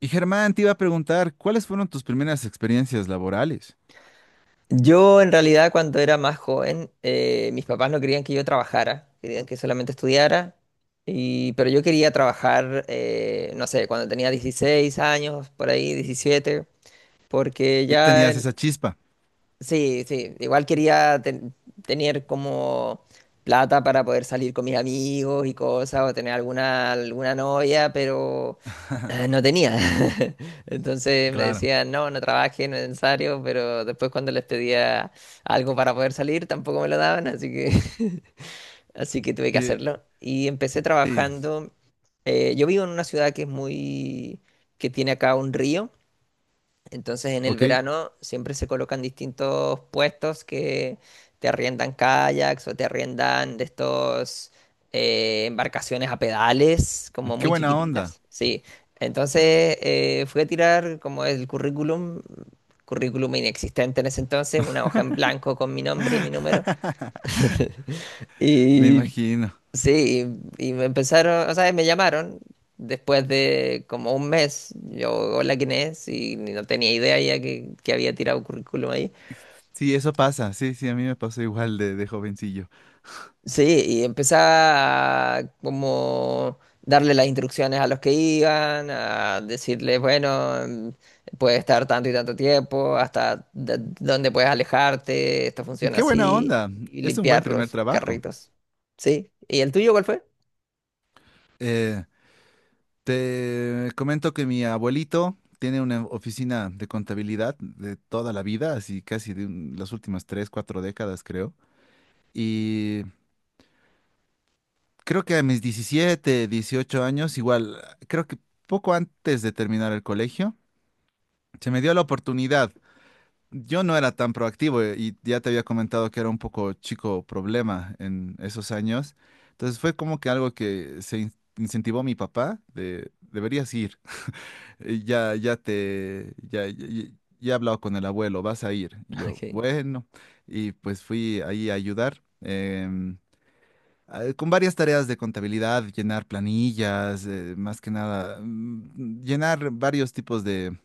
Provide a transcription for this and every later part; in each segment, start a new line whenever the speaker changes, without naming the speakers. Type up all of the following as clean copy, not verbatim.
Y Germán, te iba a preguntar, ¿cuáles fueron tus primeras experiencias laborales?
Yo en realidad cuando era más joven, mis papás no querían que yo trabajara, querían que solamente estudiara, pero yo quería trabajar, no sé, cuando tenía 16 años, por ahí 17 porque
Ya tenías
ya.
esa chispa.
Sí, sí, igual quería tener como plata para poder salir con mis amigos y cosas, o tener alguna novia, pero no tenía. Entonces me
Claro.
decían, no, no trabajes, no es necesario, pero después cuando les pedía algo para poder salir, tampoco me lo daban, así que, así que tuve que
Que-
hacerlo. Y empecé
Sí,
trabajando. Yo vivo en una ciudad que es que tiene acá un río. Entonces en el
ok.
verano siempre se colocan distintos puestos que te arriendan kayaks o te arriendan de estos embarcaciones a pedales, como
Qué
muy
buena onda.
chiquititas. Sí. Entonces fui a tirar como el currículum, currículum inexistente en ese entonces, una hoja en blanco con mi nombre y mi número.
Me
Y
imagino.
sí, y me empezaron, o sea, me llamaron después de como un mes. Yo, hola, ¿quién es? Y no tenía idea ya que había tirado currículum ahí.
Sí, eso pasa. Sí, sí, a mí me pasó igual de jovencillo.
Sí, y empezaba a como darle las instrucciones a los que iban, a decirles, bueno, mm, puedes estar tanto y tanto tiempo, hasta dónde puedes alejarte, esto funciona
Qué buena
así,
onda.
y
Es un buen
limpiar
primer
los
trabajo.
carritos. Sí, ¿y el tuyo cuál fue?
Eh, Te comento que mi abuelito tiene una oficina de contabilidad de toda la vida, así casi las últimas 3, 4 décadas, creo. Y creo que a mis 17, 18 años, igual, creo que poco antes de terminar el colegio, se me dio la oportunidad. Yo no era tan proactivo, y ya te había comentado que era un poco chico problema en esos años. Entonces fue como que algo que incentivó mi papá de deberías ir. Ya, ya te, ya, ya, ya- ya he hablado con el abuelo, vas a ir. Y yo, bueno, y pues fui ahí a ayudar con varias tareas de contabilidad, llenar planillas, más que nada, llenar varios tipos de,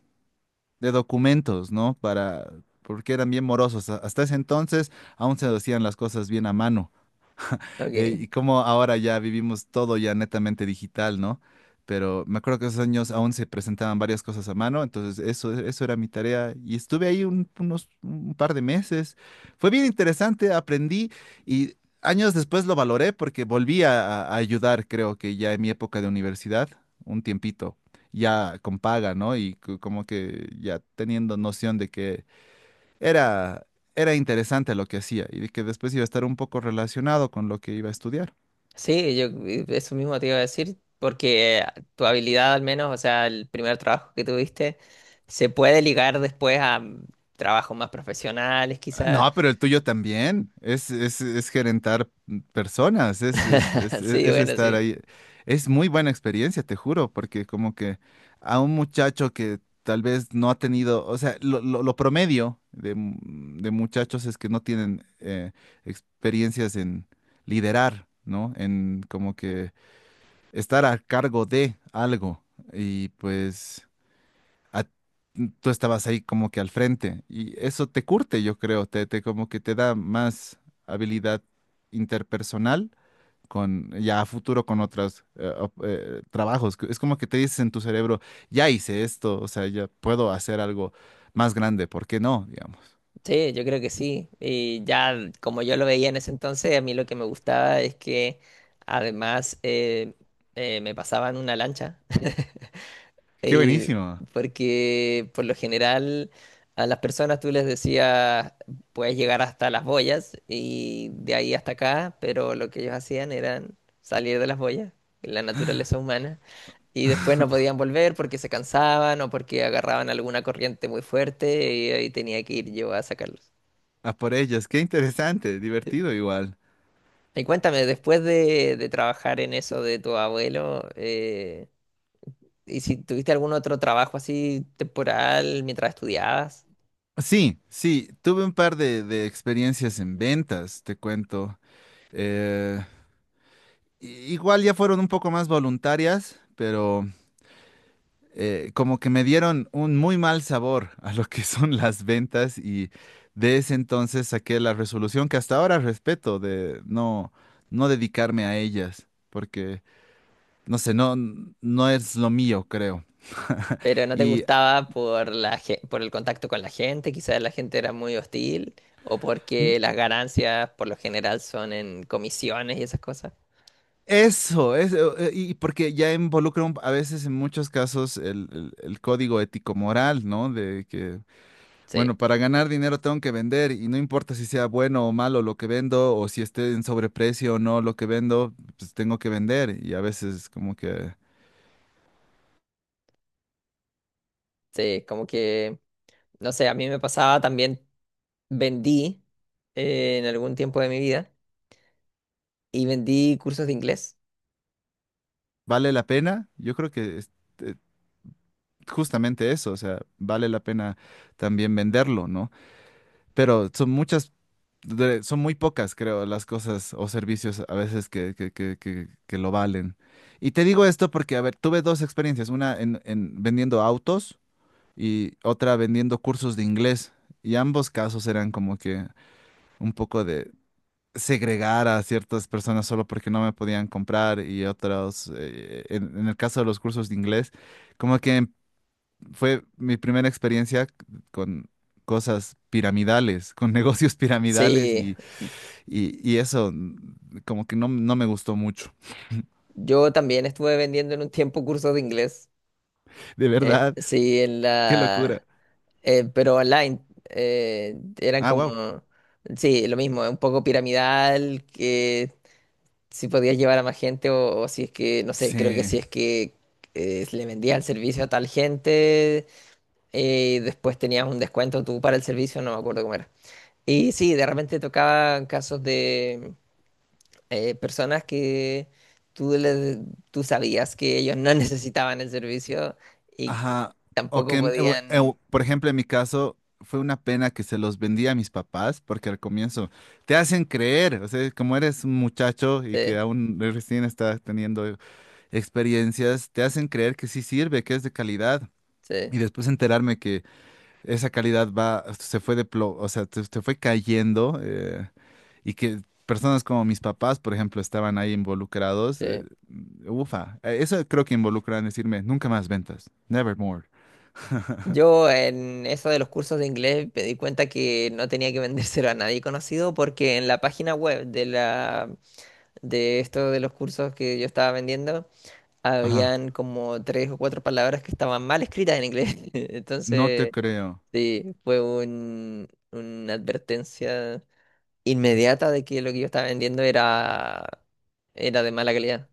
de documentos, ¿no? Para, porque eran bien morosos. Hasta ese entonces aún se hacían las cosas bien a mano.
Ok. Ok.
Y como ahora ya vivimos todo ya netamente digital, ¿no? Pero me acuerdo que esos años aún se presentaban varias cosas a mano, entonces eso era mi tarea y estuve ahí un- unos un par de meses. Fue bien interesante, aprendí, y años después lo valoré porque volví a ayudar, creo que ya en mi época de universidad, un tiempito, ya con paga, ¿no? Y como que ya teniendo noción de que era, era interesante lo que hacía y de que después iba a estar un poco relacionado con lo que iba a estudiar.
Sí, yo eso mismo te iba a decir, porque tu habilidad al menos, o sea, el primer trabajo que tuviste, se puede ligar después a trabajos más profesionales, quizás.
No, pero el tuyo también. Es gerentar personas, es, es, es, es-
Sí,
es
bueno,
estar
sí.
ahí. Es muy buena experiencia, te juro, porque como que a un muchacho que tal vez no ha tenido, o sea, lo promedio de muchachos es que no tienen experiencias en liderar, ¿no? En como que estar a cargo de algo. Y pues a- tú estabas ahí como que al frente y eso te curte, yo creo, te como que te da más habilidad interpersonal con, ya a futuro, con otros trabajos. Es como que te dices en tu cerebro, ya hice esto, o sea, ya puedo hacer algo más grande, ¿por qué no? Digamos.
Sí, yo creo que sí. Y ya como yo lo veía en ese entonces, a mí lo que me gustaba es que además me pasaban una lancha.
Qué
Eh,
buenísimo.
porque por lo general a las personas tú les decías, puedes llegar hasta las boyas y de ahí hasta acá, pero lo que ellos hacían era salir de las boyas, la naturaleza humana, y después no podían volver porque se cansaban o porque agarraban alguna corriente muy fuerte y ahí tenía que ir yo a sacarlos.
A por ellas, qué interesante, divertido igual.
Y cuéntame, después de trabajar en eso de tu abuelo, ¿y si tuviste algún otro trabajo así temporal mientras estudiabas?
Sí, sí, tuve un par de experiencias en ventas, te cuento. Eh, i- Igual ya fueron un poco más voluntarias, pero como que me dieron un muy mal sabor a lo que son las ventas, y de ese entonces saqué la resolución que hasta ahora respeto de no dedicarme a ellas, porque no sé, no es lo mío, creo.
Pero no te
Y
gustaba por por el contacto con la gente, quizás la gente era muy hostil, o
n-
porque las ganancias por lo general son en comisiones y esas cosas.
eso, y porque ya involucra a veces, en muchos casos, el, el código ético-moral, ¿no? De que bueno,
Sí,
para ganar dinero tengo que vender, y no importa si sea bueno o malo lo que vendo, o si esté en sobreprecio o no lo que vendo, pues tengo que vender, y a veces como que
sí, como que, no sé, a mí me pasaba también, vendí en algún tiempo de mi vida y vendí cursos de inglés.
vale la pena. Yo creo que es, eh, justamente eso, o sea, vale la pena también venderlo, ¿no? Pero son muy pocas, creo, las cosas o servicios a veces que lo valen. Y te digo esto porque, a ver, tuve dos experiencias, una en vendiendo autos y otra vendiendo cursos de inglés. Y ambos casos eran como que un poco de segregar a ciertas personas solo porque no me podían comprar, y otros, en el caso de los cursos de inglés, como que fue mi primera experiencia con cosas piramidales, con negocios piramidales,
Sí,
y y eso como que no me gustó mucho.
yo también estuve vendiendo en un tiempo cursos de inglés.
De verdad,
Sí, en
qué locura.
la... pero online. Eran
Ah, wow.
como, sí, lo mismo, un poco piramidal, que si podías llevar a más gente o si es que, no sé, creo que
Sí.
si es que le vendías el servicio a tal gente y después tenías un descuento tú para el servicio, no me acuerdo cómo era. Y sí, de repente tocaban casos de personas que tú, les- tú sabías que ellos no necesitaban el servicio y que
Ajá, o que,
tampoco podían...
por ejemplo, en mi caso, fue una pena que se los vendía a mis papás, porque al comienzo te hacen creer, o sea, como eres un muchacho y
Sí,
que aún recién estás teniendo experiencias, te hacen creer que sí sirve, que es de calidad.
sí.
Y después enterarme que esa calidad va, se fue de plo- o sea, te fue cayendo, y que personas como mis papás, por ejemplo, estaban ahí involucrados.
Sí.
Ufa. Eso creo que involucran decirme: nunca más ventas, never more.
Yo en eso de los cursos de inglés me di cuenta que no tenía que vendérselo a nadie conocido porque en la página web de la de esto de los cursos que yo estaba vendiendo
Ajá,
habían como tres o cuatro palabras que estaban mal escritas en inglés.
no te
Entonces,
creo.
sí, fue un, una advertencia inmediata de que lo que yo estaba vendiendo era era de mala calidad.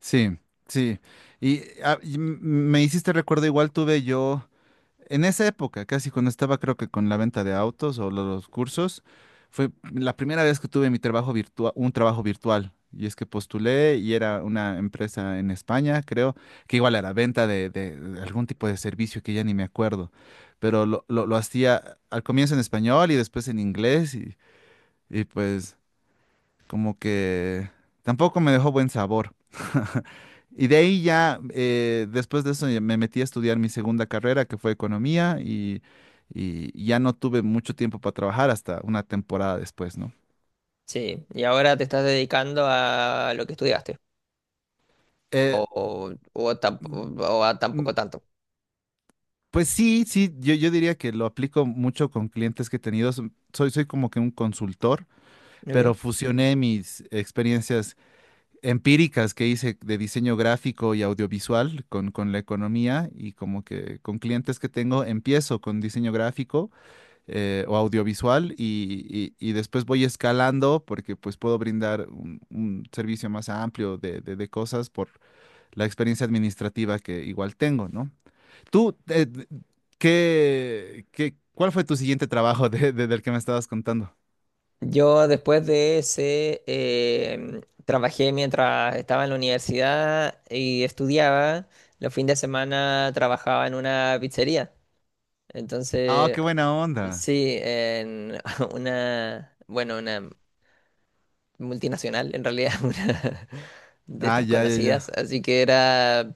Sí, sí. Y, me hiciste recuerdo, igual tuve yo, en esa época, casi cuando estaba, creo que con la venta de autos o los cursos, fue la primera vez que tuve mi trabajo virtual, un trabajo virtual. Y es que postulé y era una empresa en España, creo, que igual era venta de algún tipo de servicio que ya ni me acuerdo. Pero lo hacía al comienzo en español y después en inglés, y pues como que tampoco me dejó buen sabor. Y de ahí ya, después de eso, ya me metí a estudiar mi segunda carrera, que fue economía, y ya no tuve mucho tiempo para trabajar hasta una temporada después, ¿no?
Sí, y ahora te estás dedicando a lo que estudiaste o
Eh,
o, o tamp- o a
mm,
tampoco tanto.
pues sí, sí, yo diría que lo aplico mucho con clientes que he tenido. Soy como que un consultor, pero
¿Ok?
fusioné mis experiencias empíricas que hice de diseño gráfico y audiovisual con la economía, y como que con clientes que tengo empiezo con diseño gráfico o audiovisual, y y después voy escalando porque pues puedo brindar un servicio más amplio de cosas por la experiencia administrativa que igual tengo, ¿no? Tú, ¿cuál fue tu siguiente trabajo del que me estabas contando?
Yo después de ese trabajé mientras estaba en la universidad y estudiaba. Los fines de semana trabajaba en una pizzería.
Ah,
Entonces,
qué buena onda.
sí, en una, bueno, una multinacional en realidad, una de
Ah,
estas
ya, ya, ya.
conocidas. Así que era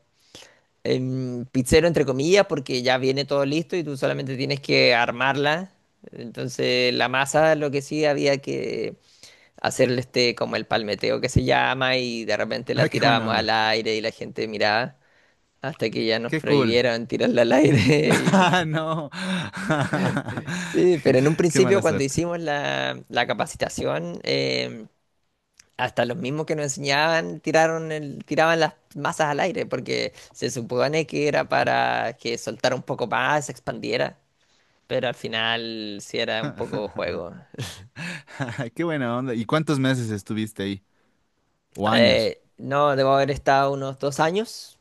pizzero entre comillas porque ya viene todo listo y tú solamente tienes que armarla. Entonces, la masa, lo que sí había que hacerle este como el palmeteo que se llama y de repente la
Ah, qué buena
tirábamos al
onda.
aire y la gente miraba hasta que ya nos
Qué cool.
prohibieron tirarla al aire. Y
Ah, no.
sí, pero en un
Qué
principio
mala
cuando
suerte.
hicimos la capacitación, hasta los mismos que nos enseñaban tiraron tiraban las masas al aire porque se supone que era para que soltara un poco más, se expandiera, pero al final sí era un poco juego.
Qué buena onda. ¿Y cuántos meses estuviste ahí? ¿O años?
No, debo haber estado unos 2 años.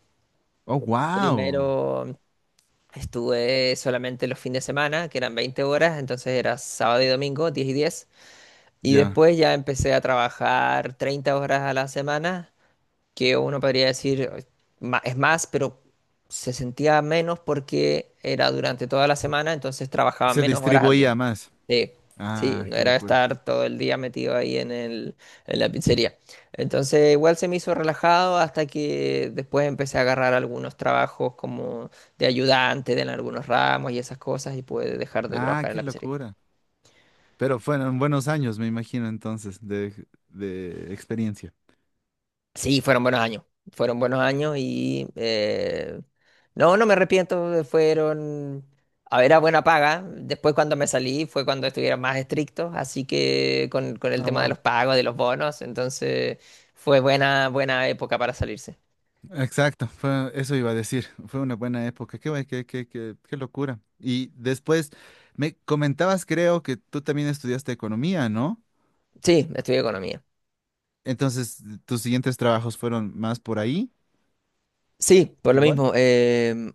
Oh, wow.
Primero estuve solamente los fines de semana, que eran 20 horas, entonces era sábado y domingo, 10 y 10. Y
Ya.
después ya empecé a trabajar 30 horas a la semana, que uno podría decir, es más, pero se sentía menos porque era durante toda la semana, entonces trabajaba
Se
menos horas al día.
distribuía más.
Sí, sí,
Ah,
no
qué
era
locura.
estar todo el día metido ahí en el, en la pizzería. Entonces igual se me hizo relajado hasta que después empecé a agarrar algunos trabajos como de ayudante en algunos ramos y esas cosas y pude dejar de
Ah,
trabajar en
qué
la pizzería.
locura. Pero fueron buenos años, me imagino, entonces, de experiencia.
Sí, fueron buenos años. Fueron buenos años y no, no me arrepiento. Fueron, a ver, a buena paga. Después cuando me salí fue cuando estuvieron más estrictos, así que con el tema de
Ah,
los pagos, de los bonos, entonces fue buena, buena época para salirse.
exacto, eso iba a decir. Fue una buena época. Qué, bu- qué, qué, qué, qué locura. Y después me comentabas, creo que tú también estudiaste economía, ¿no?
Sí, estudié economía.
Entonces, tus siguientes trabajos fueron más por ahí.
Sí, por lo
Igual.
mismo.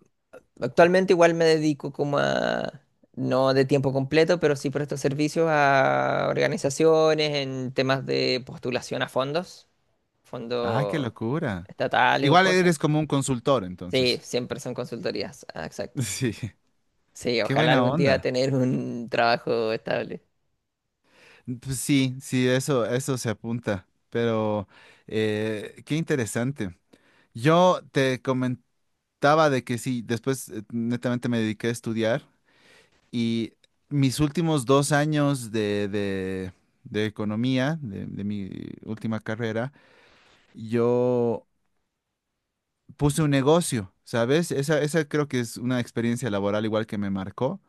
Actualmente igual me dedico como a, no de tiempo completo, pero sí presto servicios a organizaciones en temas de postulación a fondos.
Ah, qué
fondos
locura.
estatales o
Igual
cosas.
eres como un consultor,
Sí,
entonces.
siempre son consultorías, exacto.
Sí,
Sí,
qué
ojalá
buena
algún día
onda.
tener un trabajo estable.
Pues sí, sí, eso se apunta. Pero qué interesante. Yo te comentaba de que sí, después netamente me dediqué a estudiar. Y mis últimos 2 años de economía, de mi última carrera, yo puse un negocio, ¿sabes? Esa creo que es una experiencia laboral igual que me marcó.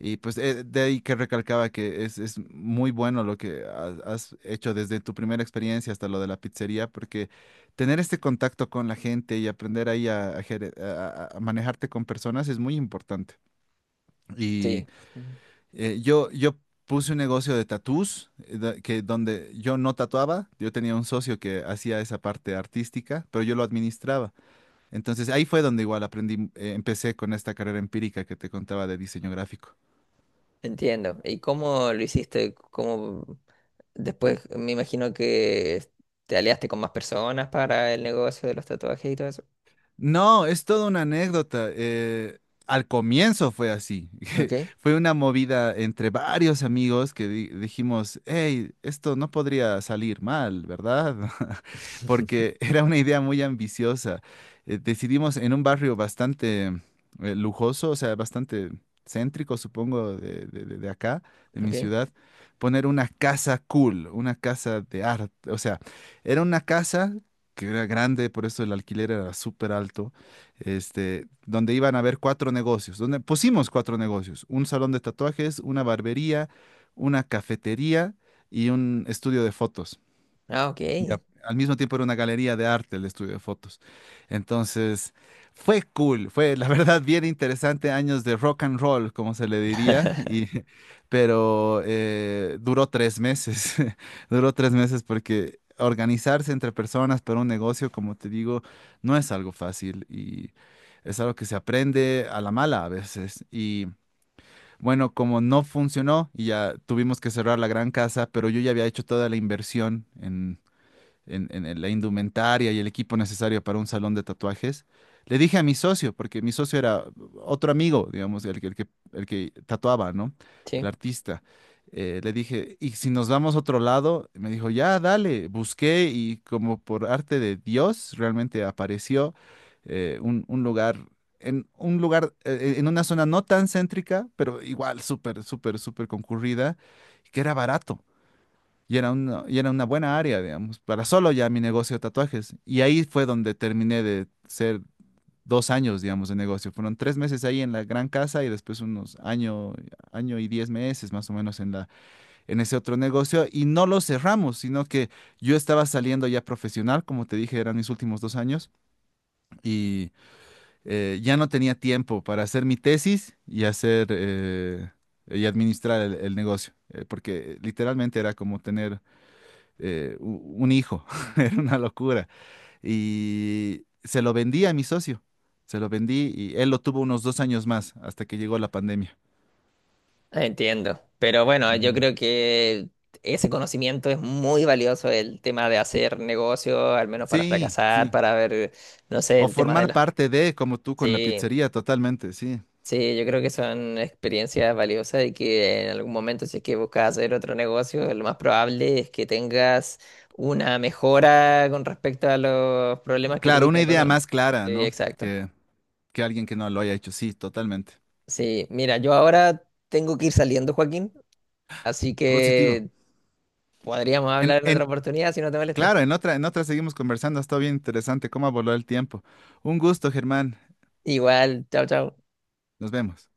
Y pues de ahí que recalcaba que es muy bueno lo que has hecho desde tu primera experiencia hasta lo de la pizzería, porque tener este contacto con la gente y aprender ahí a gere- a manejarte con personas es muy importante. Y
Sí, ujú.
yo puse un negocio de tatús, da- que donde yo no tatuaba, yo tenía un socio que hacía esa parte artística, pero yo lo administraba. Entonces ahí fue donde igual aprendí, empecé con esta carrera empírica que te contaba de diseño gráfico.
Entiendo. ¿Y cómo lo hiciste? ¿Cómo después me imagino que te aliaste con más personas para el negocio de los tatuajes y todo eso?
No, es toda una anécdota. Al comienzo fue así.
Ok.
Fue una movida entre varios amigos que dijimos, hey, esto no podría salir mal, ¿verdad? Porque era una idea muy ambiciosa. Decidimos en un barrio bastante lujoso, o sea, bastante céntrico, supongo, de acá, de mi
Ok.
ciudad, poner una casa cool, una casa de arte. O sea, era una casa que era grande, por eso el alquiler era súper alto, este, donde iban a haber cuatro negocios, donde pusimos cuatro negocios: un salón de tatuajes, una barbería, una cafetería y un estudio de fotos,
Ah, ok.
y al mismo tiempo era una galería de arte el estudio de fotos. Entonces, fue cool, fue la verdad bien interesante, años de rock and roll, como se le diría, y pero duró 3 meses, duró 3 meses, porque organizarse entre personas para un negocio, como te digo, no es algo fácil, y es algo que se aprende a la mala a veces. Y bueno, como no funcionó y ya tuvimos que cerrar la gran casa, pero yo ya había hecho toda la inversión en la indumentaria y el equipo necesario para un salón de tatuajes, le dije a mi socio, porque mi socio era otro amigo, digamos, el que tatuaba, ¿no? El
Sí.
artista. Le dije, ¿y si nos vamos a otro lado? Me dijo, ya, dale. Busqué y, como por arte de Dios, realmente apareció eh, un, un lugar, un lugar, en una zona no tan céntrica, pero igual súper, súper, súper concurrida, que era barato. Y era una buena área, digamos, para solo ya mi negocio de tatuajes. Y ahí fue donde terminé de ser 2 años, digamos, de negocio. Fueron 3 meses ahí en la gran casa y después año y 10 meses más o menos en la, en ese otro negocio. Y no lo cerramos, sino que yo estaba saliendo ya profesional, como te dije, eran mis últimos 2 años, y ya no tenía tiempo para hacer mi tesis y hacer y administrar el negocio, porque literalmente era como tener un hijo. Era una locura. Y se lo vendí a mi socio, se lo vendí y él lo tuvo unos 2 años más hasta que llegó la pandemia.
Entiendo, pero bueno, yo
Ujú.
creo que ese conocimiento es muy valioso, el tema de hacer negocio, al menos para
Sí,
fracasar,
sí.
para ver, no sé,
O
el tema
formar
de las...
parte de, como tú con la
Sí,
pizzería, totalmente, sí.
sí, yo creo que son experiencias valiosas y que en algún momento si es que buscas hacer otro negocio, lo más probable es que tengas una mejora con respecto a los problemas que
Claro,
tuviste
una
en el
idea
pasado.
más clara,
Sí,
¿no?
exacto.
Que, que alguien que no lo haya hecho, sí, totalmente.
Sí, mira, yo ahora tengo que ir saliendo, Joaquín, así
Positivo.
que... Podríamos hablar en otra
En,
oportunidad si no te molesta.
claro, en otra seguimos conversando, ha estado bien interesante cómo voló el tiempo. Un gusto, Germán.
Igual, chao, chao.
Nos vemos.